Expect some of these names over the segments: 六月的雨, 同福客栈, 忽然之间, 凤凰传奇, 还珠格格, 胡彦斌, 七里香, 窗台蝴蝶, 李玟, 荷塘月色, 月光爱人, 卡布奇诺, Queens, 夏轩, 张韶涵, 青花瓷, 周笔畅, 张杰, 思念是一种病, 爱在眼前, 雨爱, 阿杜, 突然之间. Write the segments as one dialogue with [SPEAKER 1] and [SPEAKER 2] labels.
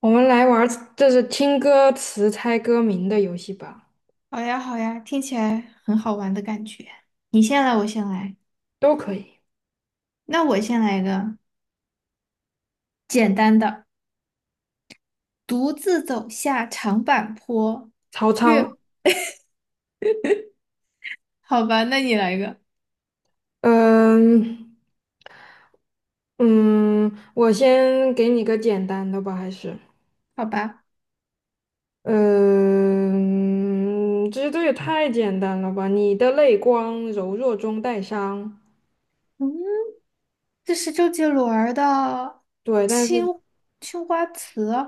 [SPEAKER 1] 我们来玩儿，就是听歌词猜歌名的游戏吧，
[SPEAKER 2] 好呀，好呀，听起来很好玩的感觉。你先来，我先来。
[SPEAKER 1] 都可以。
[SPEAKER 2] 那我先来一个简单的，独自走下长坂坡。
[SPEAKER 1] 曹操，
[SPEAKER 2] 月，好吧，那你来一个，
[SPEAKER 1] 嗯。嗯，我先给你个简单的吧，还是，
[SPEAKER 2] 好吧。
[SPEAKER 1] 嗯，这些都也太简单了吧？你的泪光柔弱中带伤，
[SPEAKER 2] 嗯，这是周杰伦儿的
[SPEAKER 1] 对，但
[SPEAKER 2] 青
[SPEAKER 1] 是
[SPEAKER 2] 青花瓷，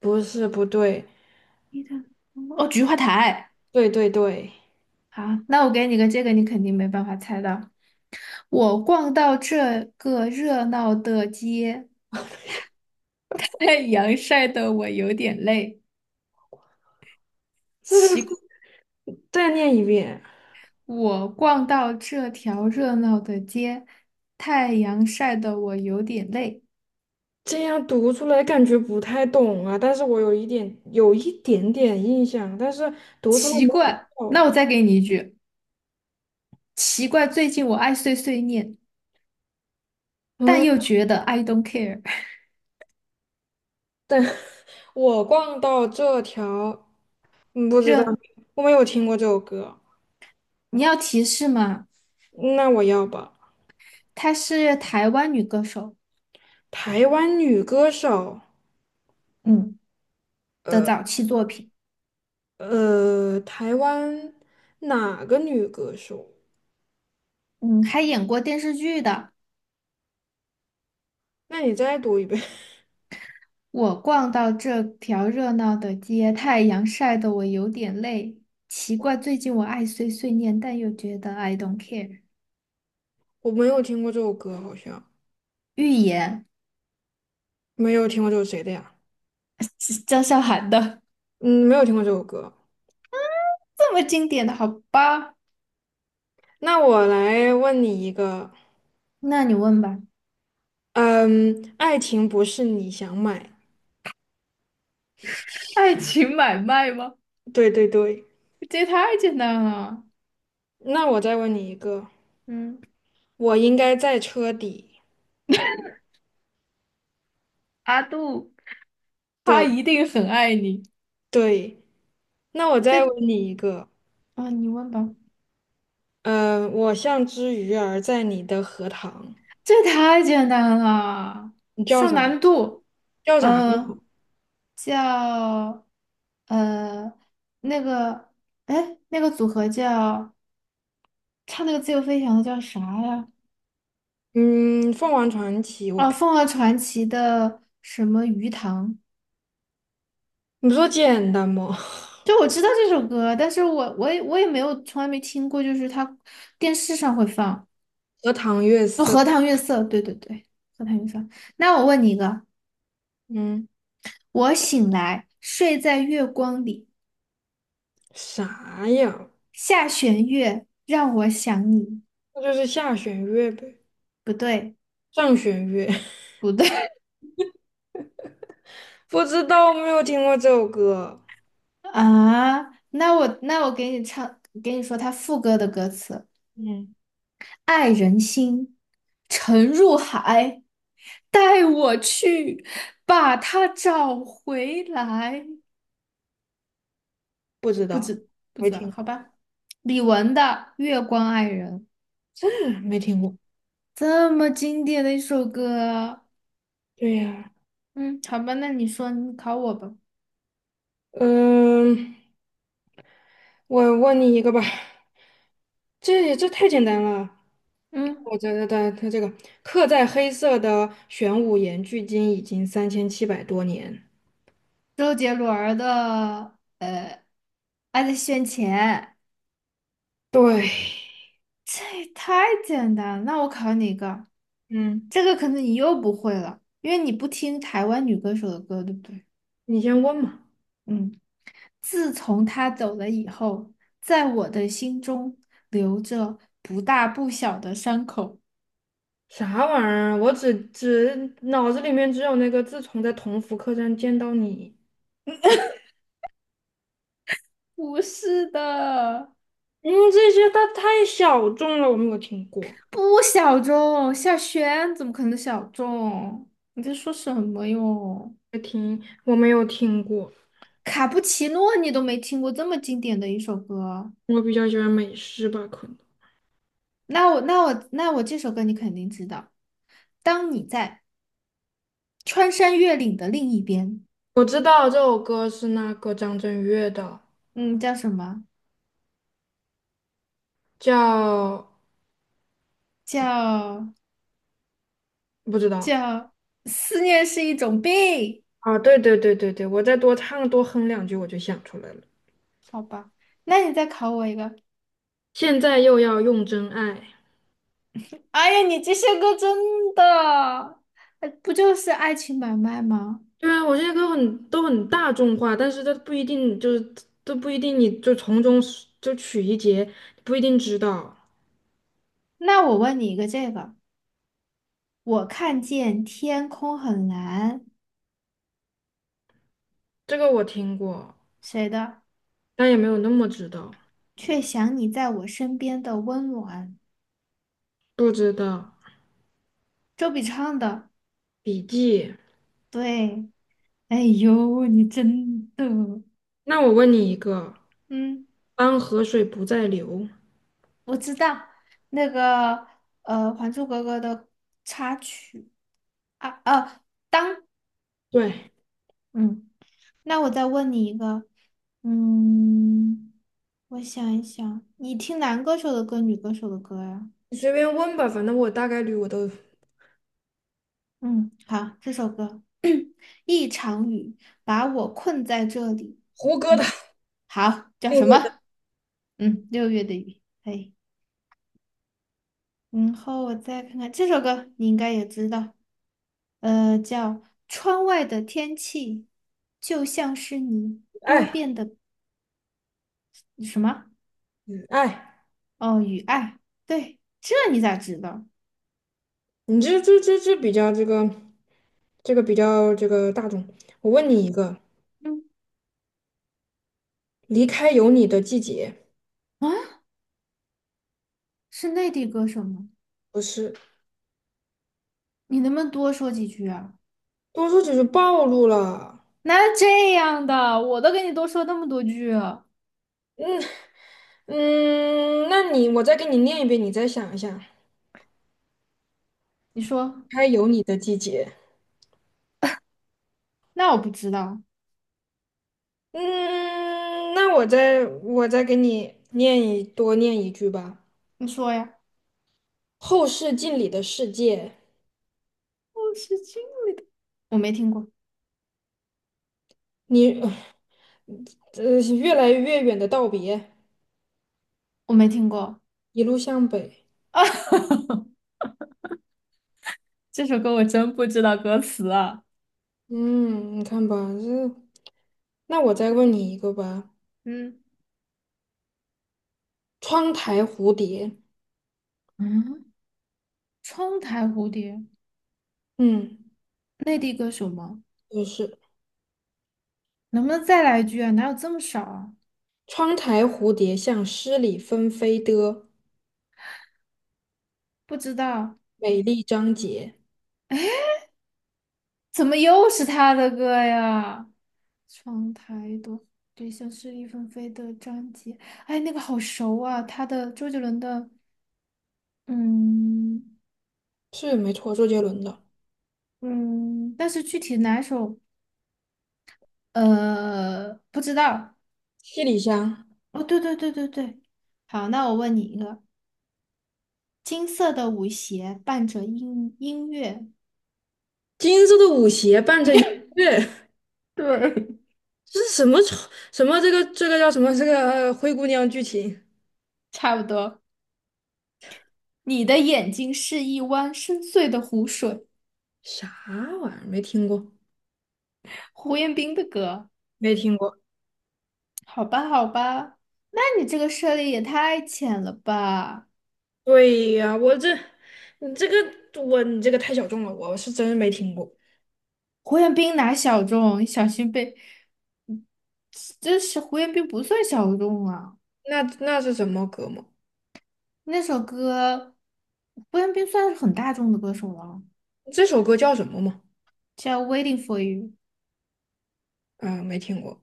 [SPEAKER 1] 不是不对，
[SPEAKER 2] 你的哦，菊花台。
[SPEAKER 1] 对对对。
[SPEAKER 2] 好，那我给你个这个，你肯定没办法猜到。我逛到这个热闹的街，太阳晒得我有点累。
[SPEAKER 1] 这个
[SPEAKER 2] 奇。
[SPEAKER 1] 再念一遍。
[SPEAKER 2] 我逛到这条热闹的街，太阳晒得我有点累。
[SPEAKER 1] 这样读出来感觉不太懂啊，但是我有一点点印象，但是读出来
[SPEAKER 2] 奇
[SPEAKER 1] 没有
[SPEAKER 2] 怪，那
[SPEAKER 1] 哦。
[SPEAKER 2] 我再给你一句，奇怪，最近我爱碎碎念，但
[SPEAKER 1] 嗯，
[SPEAKER 2] 又觉得 I don't care。
[SPEAKER 1] 我逛到这条，不知道，
[SPEAKER 2] 这
[SPEAKER 1] 我没有听过这首歌，
[SPEAKER 2] 你要提示吗？
[SPEAKER 1] 那我要吧。
[SPEAKER 2] 她是台湾女歌手，
[SPEAKER 1] 台湾女歌手，
[SPEAKER 2] 嗯的早期作品，
[SPEAKER 1] 台湾哪个女歌手？
[SPEAKER 2] 嗯，还演过电视剧的。
[SPEAKER 1] 那你再读一遍。
[SPEAKER 2] 我逛到这条热闹的街，太阳晒得我有点累。奇怪，最近我爱碎碎念，但又觉得 I don't care。
[SPEAKER 1] 我没有听过这首歌，好像
[SPEAKER 2] 预言。
[SPEAKER 1] 没有听过这首谁的呀？
[SPEAKER 2] 是张韶涵的，
[SPEAKER 1] 嗯，没有听过这首歌。
[SPEAKER 2] 这么经典的，好吧？
[SPEAKER 1] 那我来问你一个，
[SPEAKER 2] 那你问吧。
[SPEAKER 1] 嗯，爱情不是你想买。
[SPEAKER 2] 爱情买卖吗？
[SPEAKER 1] 对对对，
[SPEAKER 2] 这也太简单了。
[SPEAKER 1] 那我再问你一个，
[SPEAKER 2] 嗯，
[SPEAKER 1] 我应该在车底。
[SPEAKER 2] 阿杜，他
[SPEAKER 1] 对
[SPEAKER 2] 一定很爱你。
[SPEAKER 1] 对，那我再
[SPEAKER 2] 这
[SPEAKER 1] 问你一个，
[SPEAKER 2] 啊、你问吧。
[SPEAKER 1] 嗯，我像只鱼儿在你的荷塘，
[SPEAKER 2] 这太简单了，
[SPEAKER 1] 你叫
[SPEAKER 2] 上
[SPEAKER 1] 啥？
[SPEAKER 2] 难度。
[SPEAKER 1] 叫啥
[SPEAKER 2] 嗯、
[SPEAKER 1] 嘛？
[SPEAKER 2] 叫呃那个，哎，那个组合叫唱那个自由飞翔的叫啥呀？
[SPEAKER 1] 嗯，凤凰传奇。我
[SPEAKER 2] 啊，
[SPEAKER 1] 看
[SPEAKER 2] 凤凰传奇的什么鱼塘？
[SPEAKER 1] 你不说简单吗？
[SPEAKER 2] 就我知道这首歌，但是我也我没有从来没听过，就是它电视上会放，
[SPEAKER 1] 荷塘月
[SPEAKER 2] 就
[SPEAKER 1] 色，
[SPEAKER 2] 《荷塘月色》，对对对，《荷塘月色》。那我问你一个，
[SPEAKER 1] 嗯，
[SPEAKER 2] 我醒来睡在月光里，
[SPEAKER 1] 啥呀？
[SPEAKER 2] 下弦月让我想你，
[SPEAKER 1] 那就是下弦月呗，
[SPEAKER 2] 不对
[SPEAKER 1] 上弦月。
[SPEAKER 2] 不对
[SPEAKER 1] 不知道，没有听过这首歌。
[SPEAKER 2] 啊，那我给你唱，给你说它副歌的歌词，
[SPEAKER 1] 嗯，
[SPEAKER 2] 爱人心沉入海，带我去把它找回来。
[SPEAKER 1] 不知
[SPEAKER 2] 不
[SPEAKER 1] 道，
[SPEAKER 2] 知不
[SPEAKER 1] 没
[SPEAKER 2] 知道，
[SPEAKER 1] 听。
[SPEAKER 2] 好吧。李玟的《月光爱人》
[SPEAKER 1] 这没听过。
[SPEAKER 2] 这么经典的一首歌，
[SPEAKER 1] 对呀，
[SPEAKER 2] 嗯，好吧，那你说你考我吧。
[SPEAKER 1] 嗯，我问你一个吧，这太简单了。
[SPEAKER 2] 嗯，
[SPEAKER 1] 我觉得它这个刻在黑色的玄武岩距今已经3700多年。
[SPEAKER 2] 周杰伦儿的《爱在眼前》，
[SPEAKER 1] 对，
[SPEAKER 2] 这也太简单了。那我考你一个，
[SPEAKER 1] 嗯，
[SPEAKER 2] 这个可能你又不会了，因为你不听台湾女歌手的歌，对不对？
[SPEAKER 1] 你先问嘛，
[SPEAKER 2] 嗯，自从他走了以后，在我的心中留着不大不小的伤口。
[SPEAKER 1] 啥玩意儿啊？我脑子里面只有那个自从在同福客栈见到你，
[SPEAKER 2] 不是的，
[SPEAKER 1] 嗯，这些它太小众了，我没有听过，
[SPEAKER 2] 不小众，夏轩怎么可能小众？你在说什么哟？
[SPEAKER 1] 我没有听过。
[SPEAKER 2] 卡布奇诺你都没听过这么经典的一首歌，
[SPEAKER 1] 我比较喜欢美式吧，可能。
[SPEAKER 2] 那我这首歌你肯定知道。当你在穿山越岭的另一边，
[SPEAKER 1] 我知道这首歌是那个张震岳的，
[SPEAKER 2] 嗯，叫什么？
[SPEAKER 1] 叫
[SPEAKER 2] 叫
[SPEAKER 1] 不知道
[SPEAKER 2] 叫思念是一种病，
[SPEAKER 1] 啊，对对对对对，我再多唱多哼两句我就想出来了。
[SPEAKER 2] 好吧？那你再考我一个。
[SPEAKER 1] 现在又要用真爱，
[SPEAKER 2] 哎呀，你这些歌真的，哎不就是爱情买卖吗？
[SPEAKER 1] 对啊，我这些歌很都很大众化，但是它不一定就是都不一定，你就从中是就取一节，不一定知道
[SPEAKER 2] 那我问你一个这个，我看见天空很蓝，
[SPEAKER 1] 这个我听过，
[SPEAKER 2] 谁的？
[SPEAKER 1] 但也没有那么知道，
[SPEAKER 2] 却想你在我身边的温暖，
[SPEAKER 1] 不知道
[SPEAKER 2] 周笔畅的。
[SPEAKER 1] 笔记。
[SPEAKER 2] 对，哎呦，你真的，
[SPEAKER 1] 那我问你一个，
[SPEAKER 2] 嗯，
[SPEAKER 1] 当河水不再流，
[SPEAKER 2] 我知道那个，《还珠格格》的插曲啊，当，
[SPEAKER 1] 对，
[SPEAKER 2] 嗯，那我再问你一个，嗯，我想一想，你听男歌手的歌，女歌手的歌呀？
[SPEAKER 1] 你随便问吧，反正我大概率我都
[SPEAKER 2] 嗯，好，这首歌，一场雨把我困在这里。
[SPEAKER 1] 胡歌的
[SPEAKER 2] 嗯，好，叫
[SPEAKER 1] 《六
[SPEAKER 2] 什
[SPEAKER 1] 月的
[SPEAKER 2] 么？嗯，六月的雨。可以然后我再看看这首歌，你应该也知道，叫《窗外的天气就像是你
[SPEAKER 1] 爱》
[SPEAKER 2] 多
[SPEAKER 1] 哎，
[SPEAKER 2] 变的什么？
[SPEAKER 1] 爱，
[SPEAKER 2] 哦，雨爱。对，这你咋知道？
[SPEAKER 1] 你这比较这个比较这个大众。我问你一个，
[SPEAKER 2] 嗯，
[SPEAKER 1] 离开有你的季节，
[SPEAKER 2] 啊，是内地歌手吗？
[SPEAKER 1] 不是，
[SPEAKER 2] 你能不能多说几句啊？
[SPEAKER 1] 多说只是暴露了。
[SPEAKER 2] 哪有这样的？我都给你多说那么多句了，
[SPEAKER 1] 嗯，那你我再给你念一遍，你再想一下，
[SPEAKER 2] 你说。
[SPEAKER 1] 离开有你的季节。
[SPEAKER 2] 那我不知道，
[SPEAKER 1] 嗯，那我再给你念一句吧。
[SPEAKER 2] 你说呀。
[SPEAKER 1] 后视镜里的世界，
[SPEAKER 2] 我是金，我没听过，
[SPEAKER 1] 你越来越远的道别，
[SPEAKER 2] 我没听过
[SPEAKER 1] 一路向北。
[SPEAKER 2] 啊。这首歌我真不知道歌词啊。
[SPEAKER 1] 嗯，你看吧，这那我再问你一个吧，
[SPEAKER 2] 嗯
[SPEAKER 1] 窗台蝴蝶，
[SPEAKER 2] 嗯，窗台蝴蝶，
[SPEAKER 1] 嗯，
[SPEAKER 2] 内地歌手吗？
[SPEAKER 1] 就是
[SPEAKER 2] 能不能再来一句啊？哪有这么少啊？
[SPEAKER 1] 窗台蝴蝶像诗里纷飞的
[SPEAKER 2] 不知道，
[SPEAKER 1] 美丽章节，
[SPEAKER 2] 怎么又是他的歌呀？窗台朵，对，像是一纷飞的张杰。哎，那个好熟啊，他的周杰伦的，嗯
[SPEAKER 1] 是没错，周杰伦的
[SPEAKER 2] 嗯，但是具体哪首，不知道。
[SPEAKER 1] 《七里香》。
[SPEAKER 2] 哦，对对对对对，好，那我问你一个，金色的舞鞋伴着音乐，
[SPEAKER 1] 金色的舞鞋伴着音乐，
[SPEAKER 2] 对，
[SPEAKER 1] 这是什么丑什么这个这个叫什么这个灰姑娘剧情？
[SPEAKER 2] 差不多。你的眼睛是一湾深邃的湖水，
[SPEAKER 1] 啥玩意儿？没听过，
[SPEAKER 2] 胡彦斌的歌。
[SPEAKER 1] 没听过。
[SPEAKER 2] 好吧，好吧，那你这个涉猎也太浅了吧？
[SPEAKER 1] 对呀，我这你这个我你这个太小众了，我是真没听过。
[SPEAKER 2] 胡彦斌哪小众，小心被……这是胡彦斌不算小众啊，
[SPEAKER 1] 那那是什么歌吗？
[SPEAKER 2] 那首歌，胡彦斌算是很大众的歌手了，
[SPEAKER 1] 这首歌叫什么吗？
[SPEAKER 2] 叫《Waiting for You》。
[SPEAKER 1] 嗯，没听过。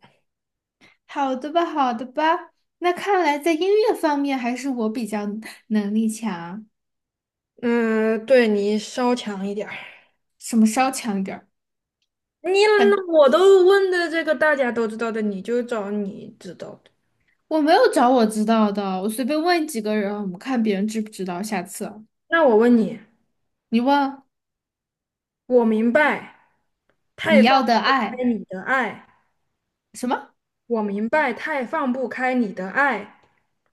[SPEAKER 2] 好的吧，好的吧。那看来在音乐方面还是我比较能力强，
[SPEAKER 1] 嗯，对你稍强一点儿。
[SPEAKER 2] 什么稍强一点儿。
[SPEAKER 1] 你那我都问的这个大家都知道的，你就找你知道的。
[SPEAKER 2] 我没有找我知道的，我随便问几个人，我们看别人知不知道。下次
[SPEAKER 1] 那我问你，
[SPEAKER 2] 你问
[SPEAKER 1] 我明白太
[SPEAKER 2] 你
[SPEAKER 1] 放
[SPEAKER 2] 要的
[SPEAKER 1] 不
[SPEAKER 2] 爱
[SPEAKER 1] 开你的爱，
[SPEAKER 2] 什么？
[SPEAKER 1] 我明白太放不开你的爱，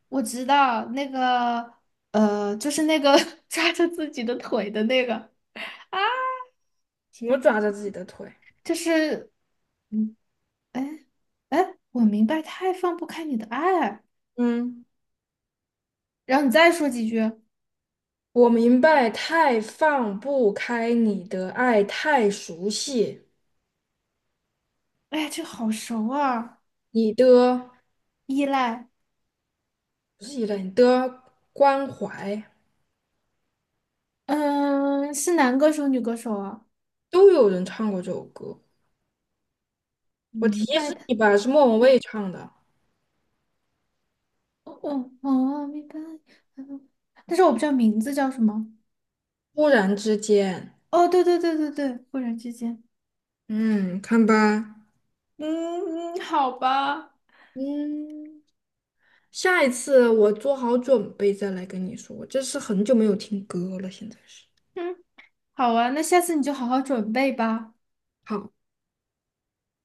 [SPEAKER 2] 我知道那个，就是那个 抓着自己的腿的那个，啊，
[SPEAKER 1] 什么抓着自己的腿？
[SPEAKER 2] 就是，嗯，哎哎，我明白，太放不开你的爱，
[SPEAKER 1] 嗯，
[SPEAKER 2] 然后你再说几句，
[SPEAKER 1] 我明白太放不开你的爱，太熟悉
[SPEAKER 2] 哎，这好熟啊，
[SPEAKER 1] 你的
[SPEAKER 2] 依赖。
[SPEAKER 1] 不是依赖你的关怀，
[SPEAKER 2] 嗯，是男歌手、女歌手啊？
[SPEAKER 1] 都有人唱过这首歌。我提
[SPEAKER 2] 明白
[SPEAKER 1] 示
[SPEAKER 2] 的，
[SPEAKER 1] 你吧，是莫文蔚唱的
[SPEAKER 2] 哦哦哦，明白。嗯，但是我不知道名字叫什么。
[SPEAKER 1] 《突然之间》。
[SPEAKER 2] 哦，对对对对对，忽然之间，
[SPEAKER 1] 嗯，看吧，
[SPEAKER 2] 嗯嗯，好吧，
[SPEAKER 1] 嗯，下一次我做好准备再来跟你说，我这是很久没有听歌了，现在是。
[SPEAKER 2] 嗯，好啊，那下次你就好好准备吧。
[SPEAKER 1] 好。